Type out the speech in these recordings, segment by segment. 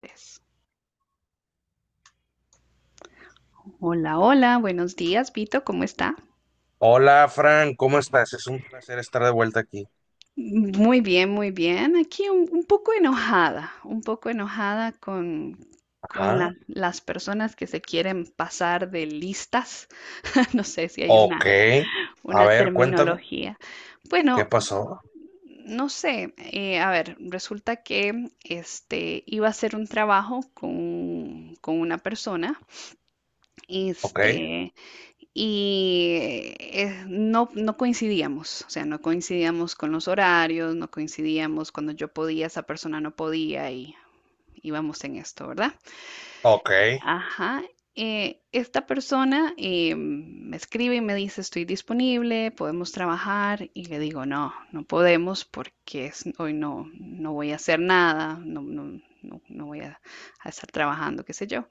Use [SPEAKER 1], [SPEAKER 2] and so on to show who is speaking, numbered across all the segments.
[SPEAKER 1] Pues, hola, hola, buenos días, Vito, ¿cómo está?
[SPEAKER 2] Hola, Fran, ¿cómo estás? Es un placer estar de vuelta aquí.
[SPEAKER 1] Muy bien, muy bien. Aquí un poco enojada, un poco enojada con, con
[SPEAKER 2] Ajá,
[SPEAKER 1] la- las personas que se quieren pasar de listas. No sé si hay una,
[SPEAKER 2] ok. A
[SPEAKER 1] una
[SPEAKER 2] ver, cuéntame,
[SPEAKER 1] terminología.
[SPEAKER 2] ¿qué
[SPEAKER 1] Bueno,
[SPEAKER 2] pasó?
[SPEAKER 1] no sé, a ver, resulta que este, iba a hacer un trabajo con una persona.
[SPEAKER 2] Ok,
[SPEAKER 1] Este, y no coincidíamos, o sea, no coincidíamos con los horarios, no coincidíamos cuando yo podía, esa persona no podía y íbamos en esto, ¿verdad?
[SPEAKER 2] ok.
[SPEAKER 1] Ajá. Esta persona me escribe y me dice, estoy disponible, podemos trabajar y le digo, no podemos porque hoy no, no voy a hacer nada, no, no, no, no voy a estar trabajando, qué sé yo.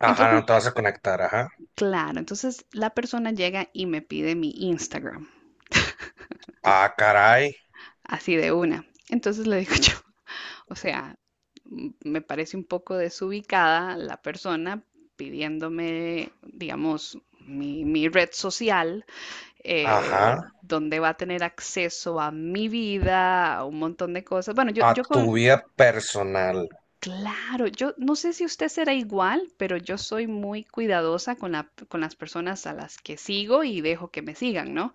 [SPEAKER 2] Ajá,
[SPEAKER 1] Entonces,
[SPEAKER 2] no te vas a conectar, ajá.
[SPEAKER 1] claro, entonces la persona llega y me pide mi Instagram.
[SPEAKER 2] Ah, caray,
[SPEAKER 1] Así de una. Entonces le digo yo, o sea, me parece un poco desubicada la persona pidiéndome, digamos, mi red social,
[SPEAKER 2] ajá.
[SPEAKER 1] donde va a tener acceso a mi vida, a un montón de cosas. Bueno,
[SPEAKER 2] A
[SPEAKER 1] yo
[SPEAKER 2] tu
[SPEAKER 1] con,
[SPEAKER 2] vida personal.
[SPEAKER 1] claro, yo no sé si usted será igual, pero yo soy muy cuidadosa con con las personas a las que sigo y dejo que me sigan, ¿no?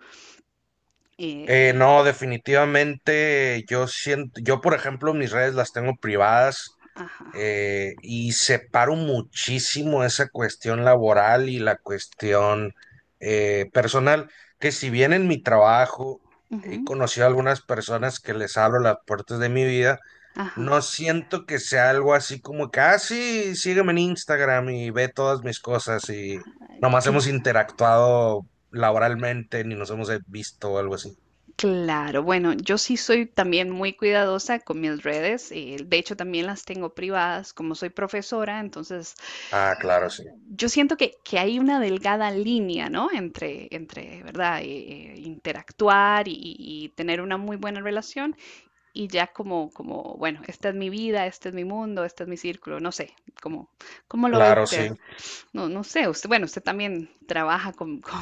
[SPEAKER 1] Eh,
[SPEAKER 2] No, definitivamente yo siento, yo por ejemplo mis redes las tengo privadas,
[SPEAKER 1] ajá,
[SPEAKER 2] y separo muchísimo esa cuestión laboral y la cuestión personal, que si bien en mi trabajo he
[SPEAKER 1] ujú,
[SPEAKER 2] conocido a algunas personas que les abro las puertas de mi vida,
[SPEAKER 1] ajá.
[SPEAKER 2] no siento que sea algo así como que, ah, sí, sígueme en Instagram y ve todas mis cosas y nomás hemos interactuado laboralmente ni nos hemos visto o algo así.
[SPEAKER 1] Claro, bueno, yo sí soy también muy cuidadosa con mis redes, de hecho también las tengo privadas, como soy profesora, entonces
[SPEAKER 2] Ah, claro, sí.
[SPEAKER 1] yo siento que hay una delgada línea, ¿no? ¿Verdad? Interactuar y tener una muy buena relación y ya como, bueno, esta es mi vida, este es mi mundo, este es mi círculo, no sé, ¿cómo, cómo lo ve
[SPEAKER 2] Claro,
[SPEAKER 1] usted?
[SPEAKER 2] sí.
[SPEAKER 1] No, no sé, usted, bueno, usted también trabaja con, con,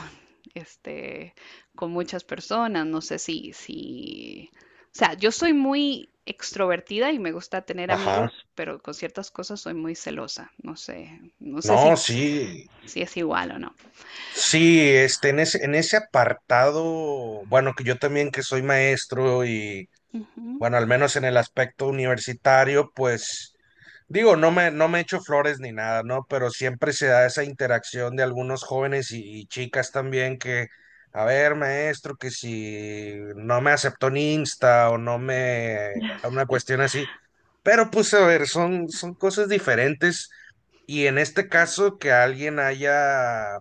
[SPEAKER 1] este, con muchas personas, no sé si, o sea, yo soy muy extrovertida y me gusta tener amigos,
[SPEAKER 2] Ajá.
[SPEAKER 1] pero con ciertas cosas soy muy celosa, no sé, no sé
[SPEAKER 2] No,
[SPEAKER 1] si,
[SPEAKER 2] sí.
[SPEAKER 1] si es igual o no.
[SPEAKER 2] Sí, este, en ese apartado, bueno, que yo también que soy maestro y,
[SPEAKER 1] Ujú.
[SPEAKER 2] bueno, al menos en el aspecto universitario, pues, digo, no me echo flores ni nada, ¿no? Pero siempre se da esa interacción de algunos jóvenes y chicas también que, a ver, maestro, que si no me aceptó en Insta o no me, una cuestión así, pero pues, a ver, son, son cosas diferentes. Y en este caso que alguien haya,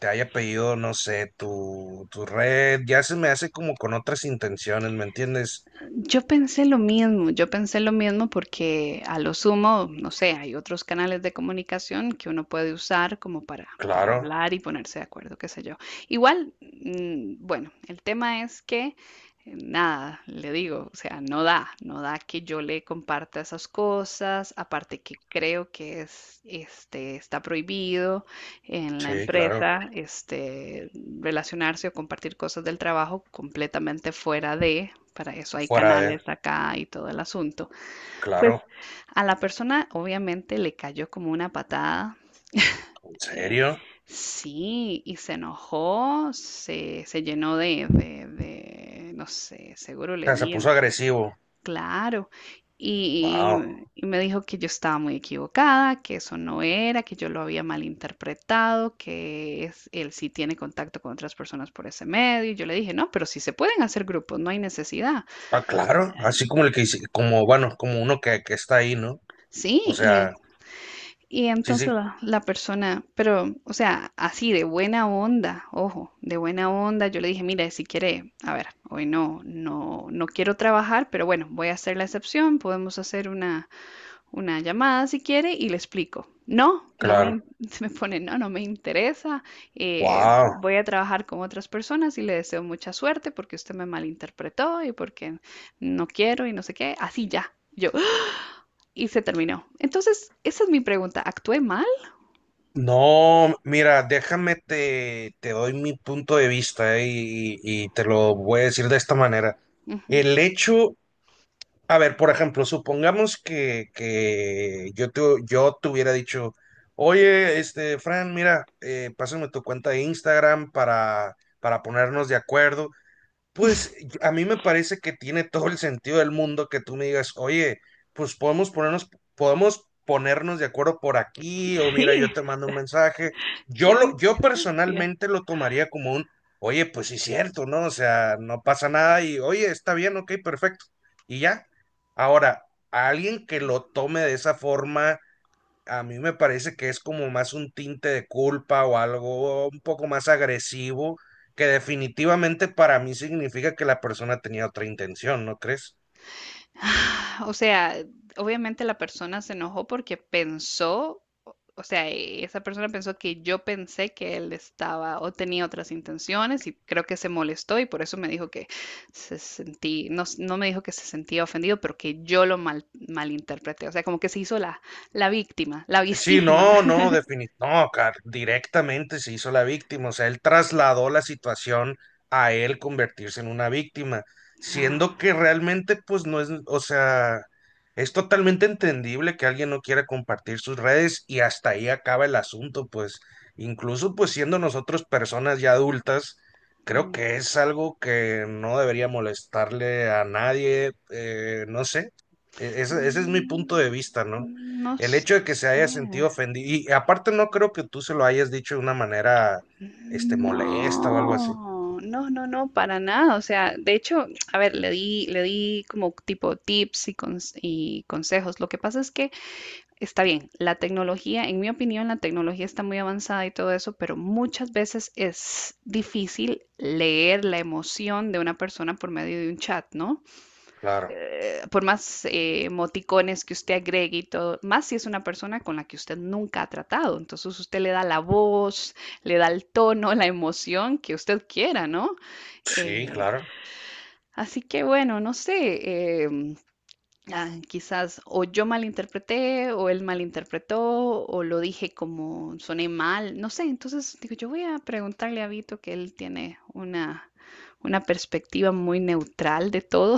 [SPEAKER 2] te haya pedido, no sé, tu red, ya se me hace como con otras intenciones, ¿me entiendes?
[SPEAKER 1] Yo pensé lo mismo, yo pensé lo mismo porque a lo sumo, no sé, hay otros canales de comunicación que uno puede usar como para
[SPEAKER 2] Claro,
[SPEAKER 1] hablar y ponerse de acuerdo, qué sé yo. Igual, bueno, el tema es que, nada, le digo, o sea, no da, no da que yo le comparta esas cosas, aparte que creo que es, este, está prohibido en la
[SPEAKER 2] sí, claro,
[SPEAKER 1] empresa, este, relacionarse o compartir cosas del trabajo completamente fuera de para eso hay
[SPEAKER 2] fuera de,
[SPEAKER 1] canales acá y todo el asunto. Pues
[SPEAKER 2] claro,
[SPEAKER 1] a la persona obviamente le cayó como una patada.
[SPEAKER 2] ¿en
[SPEAKER 1] eh,
[SPEAKER 2] serio?
[SPEAKER 1] sí, y se enojó, se llenó de no sé, seguro
[SPEAKER 2] O
[SPEAKER 1] le
[SPEAKER 2] sea, se
[SPEAKER 1] di en
[SPEAKER 2] puso
[SPEAKER 1] su-
[SPEAKER 2] agresivo,
[SPEAKER 1] Claro. Y,
[SPEAKER 2] wow,
[SPEAKER 1] y me dijo que yo estaba muy equivocada, que eso no era, que yo lo había malinterpretado, que es, él sí tiene contacto con otras personas por ese medio. Y yo le dije, no, pero sí se pueden hacer grupos, no hay necesidad.
[SPEAKER 2] ah, claro, así como el que hice, como, bueno, como uno que está ahí, ¿no? O
[SPEAKER 1] Sí, y en
[SPEAKER 2] sea,
[SPEAKER 1] y
[SPEAKER 2] sí,
[SPEAKER 1] entonces
[SPEAKER 2] sí,
[SPEAKER 1] la persona, pero, o sea, así de buena onda, ojo, de buena onda, yo le dije, mira, si quiere, a ver, hoy no, no, no quiero trabajar, pero bueno, voy a hacer la excepción, podemos hacer una llamada si quiere y le explico. No, no me,
[SPEAKER 2] claro,
[SPEAKER 1] in- Se me pone, no, no me interesa,
[SPEAKER 2] wow.
[SPEAKER 1] voy a trabajar con otras personas y le deseo mucha suerte porque usted me malinterpretó y porque no quiero y no sé qué, así ya, yo, y se terminó. Entonces, esa es mi pregunta, ¿actué mal?
[SPEAKER 2] No, mira, déjame te doy mi punto de vista, y te lo voy a decir de esta manera.
[SPEAKER 1] Ujú.
[SPEAKER 2] El hecho, a ver, por ejemplo, supongamos que yo te hubiera dicho, oye, este, Fran, mira, pásame tu cuenta de Instagram para ponernos de acuerdo, pues a mí me parece que tiene todo el sentido del mundo que tú me digas, oye, pues podemos ponernos de acuerdo por aquí, o mira, yo
[SPEAKER 1] Sí,
[SPEAKER 2] te mando un mensaje.
[SPEAKER 1] qué
[SPEAKER 2] Yo
[SPEAKER 1] diferencia.
[SPEAKER 2] personalmente lo tomaría como un, oye, pues sí es cierto, ¿no? O sea, no pasa nada y, oye, está bien, ok, perfecto. Y ya. Ahora, a alguien que lo tome de esa forma a mí me parece que es como más un tinte de culpa o algo un poco más agresivo, que definitivamente para mí significa que la persona tenía otra intención, ¿no crees?
[SPEAKER 1] O sea, obviamente la persona se enojó porque pensó, esa persona pensó que yo pensé que él estaba o tenía otras intenciones y creo que se molestó y por eso me dijo que se sentí, no, s- no me dijo que se sentía ofendido, pero que yo lo mal, malinterpreté. O sea, como que se hizo la víctima, la
[SPEAKER 2] Sí,
[SPEAKER 1] vistísima.
[SPEAKER 2] no, no, definit no, car- directamente se hizo la víctima, o sea, él trasladó la situación a él convertirse en una víctima,
[SPEAKER 1] No.
[SPEAKER 2] siendo que realmente pues no es, o sea, es totalmente entendible que alguien no quiera compartir sus redes y hasta ahí acaba el asunto, pues incluso pues siendo nosotros personas ya adultas, creo
[SPEAKER 1] Mm,
[SPEAKER 2] que es algo que no debería molestarle a nadie, no sé, ese es mi punto
[SPEAKER 1] mm,
[SPEAKER 2] de vista, ¿no?
[SPEAKER 1] no
[SPEAKER 2] El
[SPEAKER 1] sé.
[SPEAKER 2] hecho de que se haya sentido ofendido, y aparte no creo que tú se lo hayas dicho de una manera, este, molesta o algo así.
[SPEAKER 1] No, no, no, no, para nada. O sea, de hecho, a ver, le di como tipo tips y consejos. Lo que pasa es que está bien, la tecnología, en mi opinión, la tecnología está muy avanzada y todo eso, pero muchas veces es difícil leer la emoción de una persona por medio de un chat, ¿no?
[SPEAKER 2] Claro,
[SPEAKER 1] Por más emoticones que usted agregue y todo, más si es una persona con la que usted nunca ha tratado. Entonces usted le da la voz, le da el tono, la emoción que usted quiera, ¿no?
[SPEAKER 2] sí,
[SPEAKER 1] Eh,
[SPEAKER 2] claro.
[SPEAKER 1] Así que bueno, no sé, quizás o yo malinterpreté o él malinterpretó o lo dije como soné mal, no sé. Entonces digo, yo voy a preguntarle a Vito que él tiene una perspectiva muy neutral de todo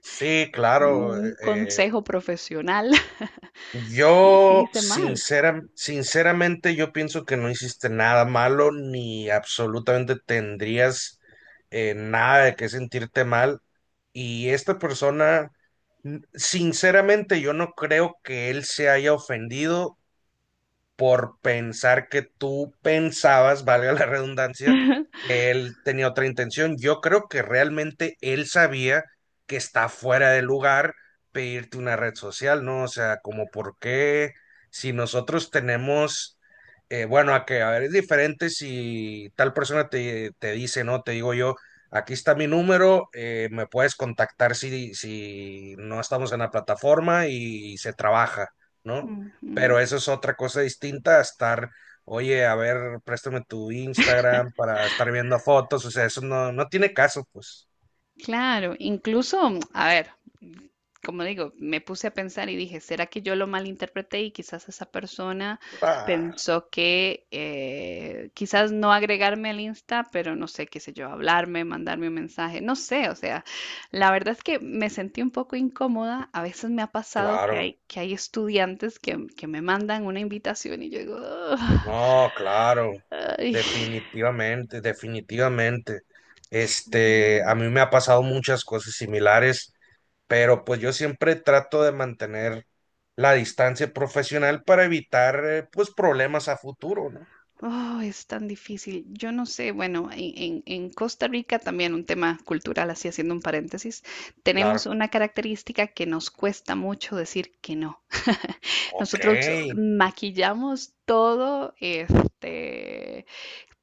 [SPEAKER 2] Sí,
[SPEAKER 1] como
[SPEAKER 2] claro.
[SPEAKER 1] un consejo profesional. Sí, sí
[SPEAKER 2] Yo
[SPEAKER 1] hice mal.
[SPEAKER 2] sinceramente yo pienso que no hiciste nada malo ni absolutamente tendrías, nada de qué sentirte mal. Y esta persona, sinceramente yo no creo que él se haya ofendido por pensar que tú pensabas, valga la redundancia, que él tenía otra intención. Yo creo que realmente él sabía que está fuera de lugar pedirte una red social, ¿no? O sea, como por qué si nosotros tenemos, bueno, a que, a ver, es diferente si tal persona te, te dice, ¿no? Te digo yo. Aquí está mi número, me puedes contactar si, si no estamos en la plataforma y se trabaja, ¿no? Pero
[SPEAKER 1] Ujú.
[SPEAKER 2] eso es otra cosa distinta a estar, oye, a ver, préstame tu Instagram para estar viendo fotos, o sea, eso no, no tiene caso, pues.
[SPEAKER 1] Claro, incluso, a ver, como digo, me puse a pensar y dije, ¿será que yo lo malinterpreté y quizás esa persona
[SPEAKER 2] Ah,
[SPEAKER 1] pensó que quizás no agregarme al Insta, pero no sé, qué sé yo, hablarme, mandarme un mensaje, no sé, o sea, la verdad es que me sentí un poco incómoda, a veces me ha pasado
[SPEAKER 2] claro,
[SPEAKER 1] que hay estudiantes que me mandan una invitación y yo digo, "Ugh",
[SPEAKER 2] no, claro,
[SPEAKER 1] ay,
[SPEAKER 2] definitivamente, definitivamente.
[SPEAKER 1] es,
[SPEAKER 2] Este, a mí me ha pasado muchas cosas similares, pero pues yo siempre trato de mantener la distancia profesional para evitar, pues, problemas a futuro, ¿no?
[SPEAKER 1] oh, es tan difícil. Yo no sé, bueno, en Costa Rica también un tema cultural, así haciendo un paréntesis, tenemos
[SPEAKER 2] Claro,
[SPEAKER 1] una característica que nos cuesta mucho decir que no.
[SPEAKER 2] ok.
[SPEAKER 1] Nosotros maquillamos todo, este,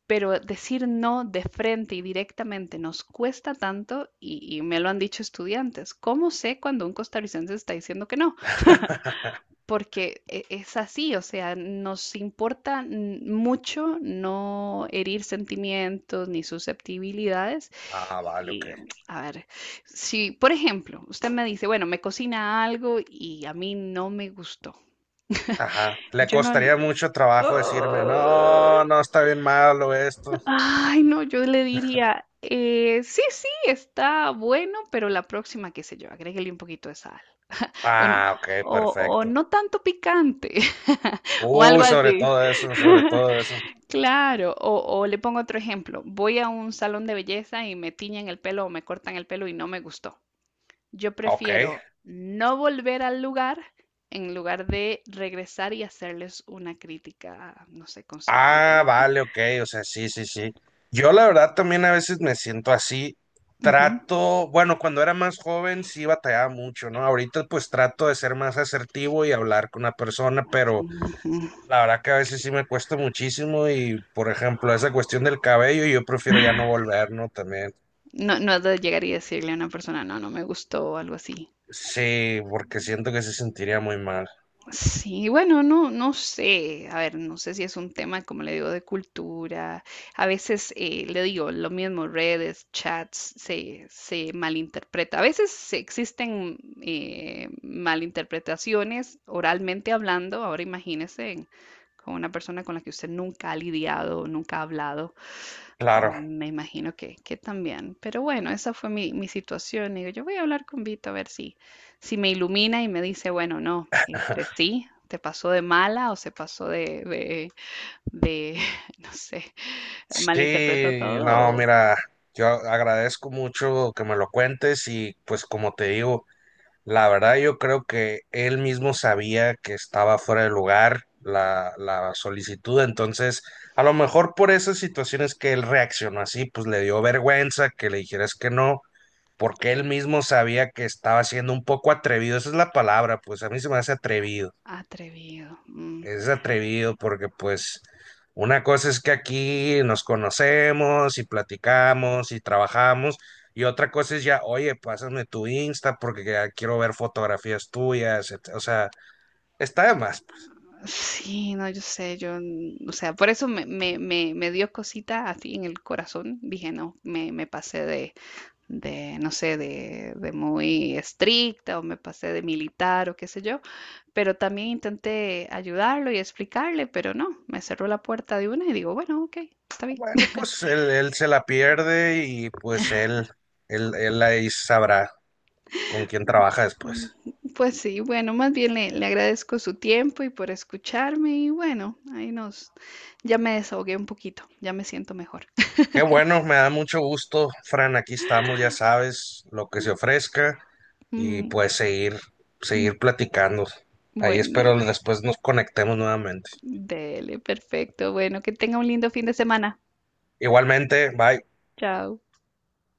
[SPEAKER 1] pero decir no de frente y directamente nos cuesta tanto y me lo han dicho estudiantes. ¿Cómo sé cuando un costarricense está diciendo que no? Porque es así, o sea, nos importa mucho no herir sentimientos ni susceptibilidades.
[SPEAKER 2] Ah, vale, ok.
[SPEAKER 1] Y a ver, si por ejemplo usted me dice, bueno, me cocina algo y a mí no me gustó,
[SPEAKER 2] Ajá, le
[SPEAKER 1] yo no...
[SPEAKER 2] costaría mucho trabajo decirme,
[SPEAKER 1] Ay,
[SPEAKER 2] no, no está bien malo esto.
[SPEAKER 1] ay, no, yo le diría, sí, sí, está bueno, pero la próxima, qué sé yo, agréguele un poquito de sal. O, n-
[SPEAKER 2] Ah, ok,
[SPEAKER 1] o
[SPEAKER 2] perfecto.
[SPEAKER 1] no tanto picante, o
[SPEAKER 2] Uy,
[SPEAKER 1] algo
[SPEAKER 2] sobre
[SPEAKER 1] así.
[SPEAKER 2] todo eso, sobre todo eso.
[SPEAKER 1] Claro, o le pongo otro ejemplo. Voy a un salón de belleza y me tiñen el pelo o me cortan el pelo y no me gustó. Yo
[SPEAKER 2] Ok.
[SPEAKER 1] prefiero no volver al lugar en lugar de regresar y hacerles una crítica, no sé, constructiva o
[SPEAKER 2] Ah,
[SPEAKER 1] algo así.
[SPEAKER 2] vale, ok, o sea, sí, sí, sí. Yo la verdad también a veces me siento así.
[SPEAKER 1] Ujú.
[SPEAKER 2] Trato, bueno, cuando era más joven sí batallaba mucho, ¿no? Ahorita pues trato de ser más asertivo y hablar con una persona, pero
[SPEAKER 1] Ujú.
[SPEAKER 2] la verdad que a veces sí me cuesta muchísimo y, por ejemplo, esa cuestión del cabello, yo prefiero ya no volver, ¿no? También.
[SPEAKER 1] No, no es de llegar y decirle a una persona, no, no me gustó o algo así.
[SPEAKER 2] Sí, porque siento que se sentiría muy mal.
[SPEAKER 1] Sí, bueno, no, no sé, a ver, no sé si es un tema, como le digo, de cultura. A veces le digo lo mismo, redes, chats, se malinterpreta. A veces existen malinterpretaciones oralmente hablando. Ahora imagínese en- con una persona con la que usted nunca ha lidiado, nunca ha hablado.
[SPEAKER 2] Claro.
[SPEAKER 1] Me imagino que también. Pero bueno, esa fue mi situación. Digo, yo voy a hablar con Vito a ver si, si me ilumina y me dice, bueno, no, este sí, te pasó de mala o se pasó de no sé, malinterpretó
[SPEAKER 2] Sí,
[SPEAKER 1] todo
[SPEAKER 2] no,
[SPEAKER 1] o
[SPEAKER 2] mira, yo agradezco mucho que me lo cuentes y pues como te digo, la verdad yo creo que él mismo sabía que estaba fuera de lugar la solicitud, entonces a lo mejor por esas situaciones que él reaccionó así, pues le dio vergüenza que le dijeras que no, porque él mismo sabía que estaba siendo un poco atrevido, esa es la palabra, pues a mí se me hace atrevido.
[SPEAKER 1] atrevido. Mm,
[SPEAKER 2] Es atrevido porque pues una cosa es que aquí nos conocemos y platicamos y trabajamos y otra cosa es ya, oye, pásame tu Insta porque ya quiero ver fotografías tuyas, o sea, está de más.
[SPEAKER 1] sí, no, yo sé, yo, mm, o sea, por eso me, me, me, me dio cosita así en el corazón. Dije, no, me pasé de no sé, de muy estricta o me pasé de militar o qué sé yo. Pero también intenté ayudarlo y explicarle, pero no, me cerró la puerta de una y digo, bueno, ok, está bien.
[SPEAKER 2] Bueno, pues él se la pierde y pues él ahí sabrá con quién trabaja
[SPEAKER 1] Mm,
[SPEAKER 2] después.
[SPEAKER 1] pues sí, bueno, más bien le agradezco su tiempo y por escucharme y bueno, ahí nos, ya me desahogué un poquito, ya me siento mejor.
[SPEAKER 2] Qué bueno, me da mucho gusto, Fran. Aquí estamos, ya sabes, lo que se ofrezca y
[SPEAKER 1] Mm,
[SPEAKER 2] pues seguir,
[SPEAKER 1] mm,
[SPEAKER 2] seguir platicando. Ahí
[SPEAKER 1] bueno,
[SPEAKER 2] espero después nos conectemos nuevamente.
[SPEAKER 1] dele, perfecto. Bueno, que tenga un lindo fin de semana.
[SPEAKER 2] Igualmente, bye.
[SPEAKER 1] Chao.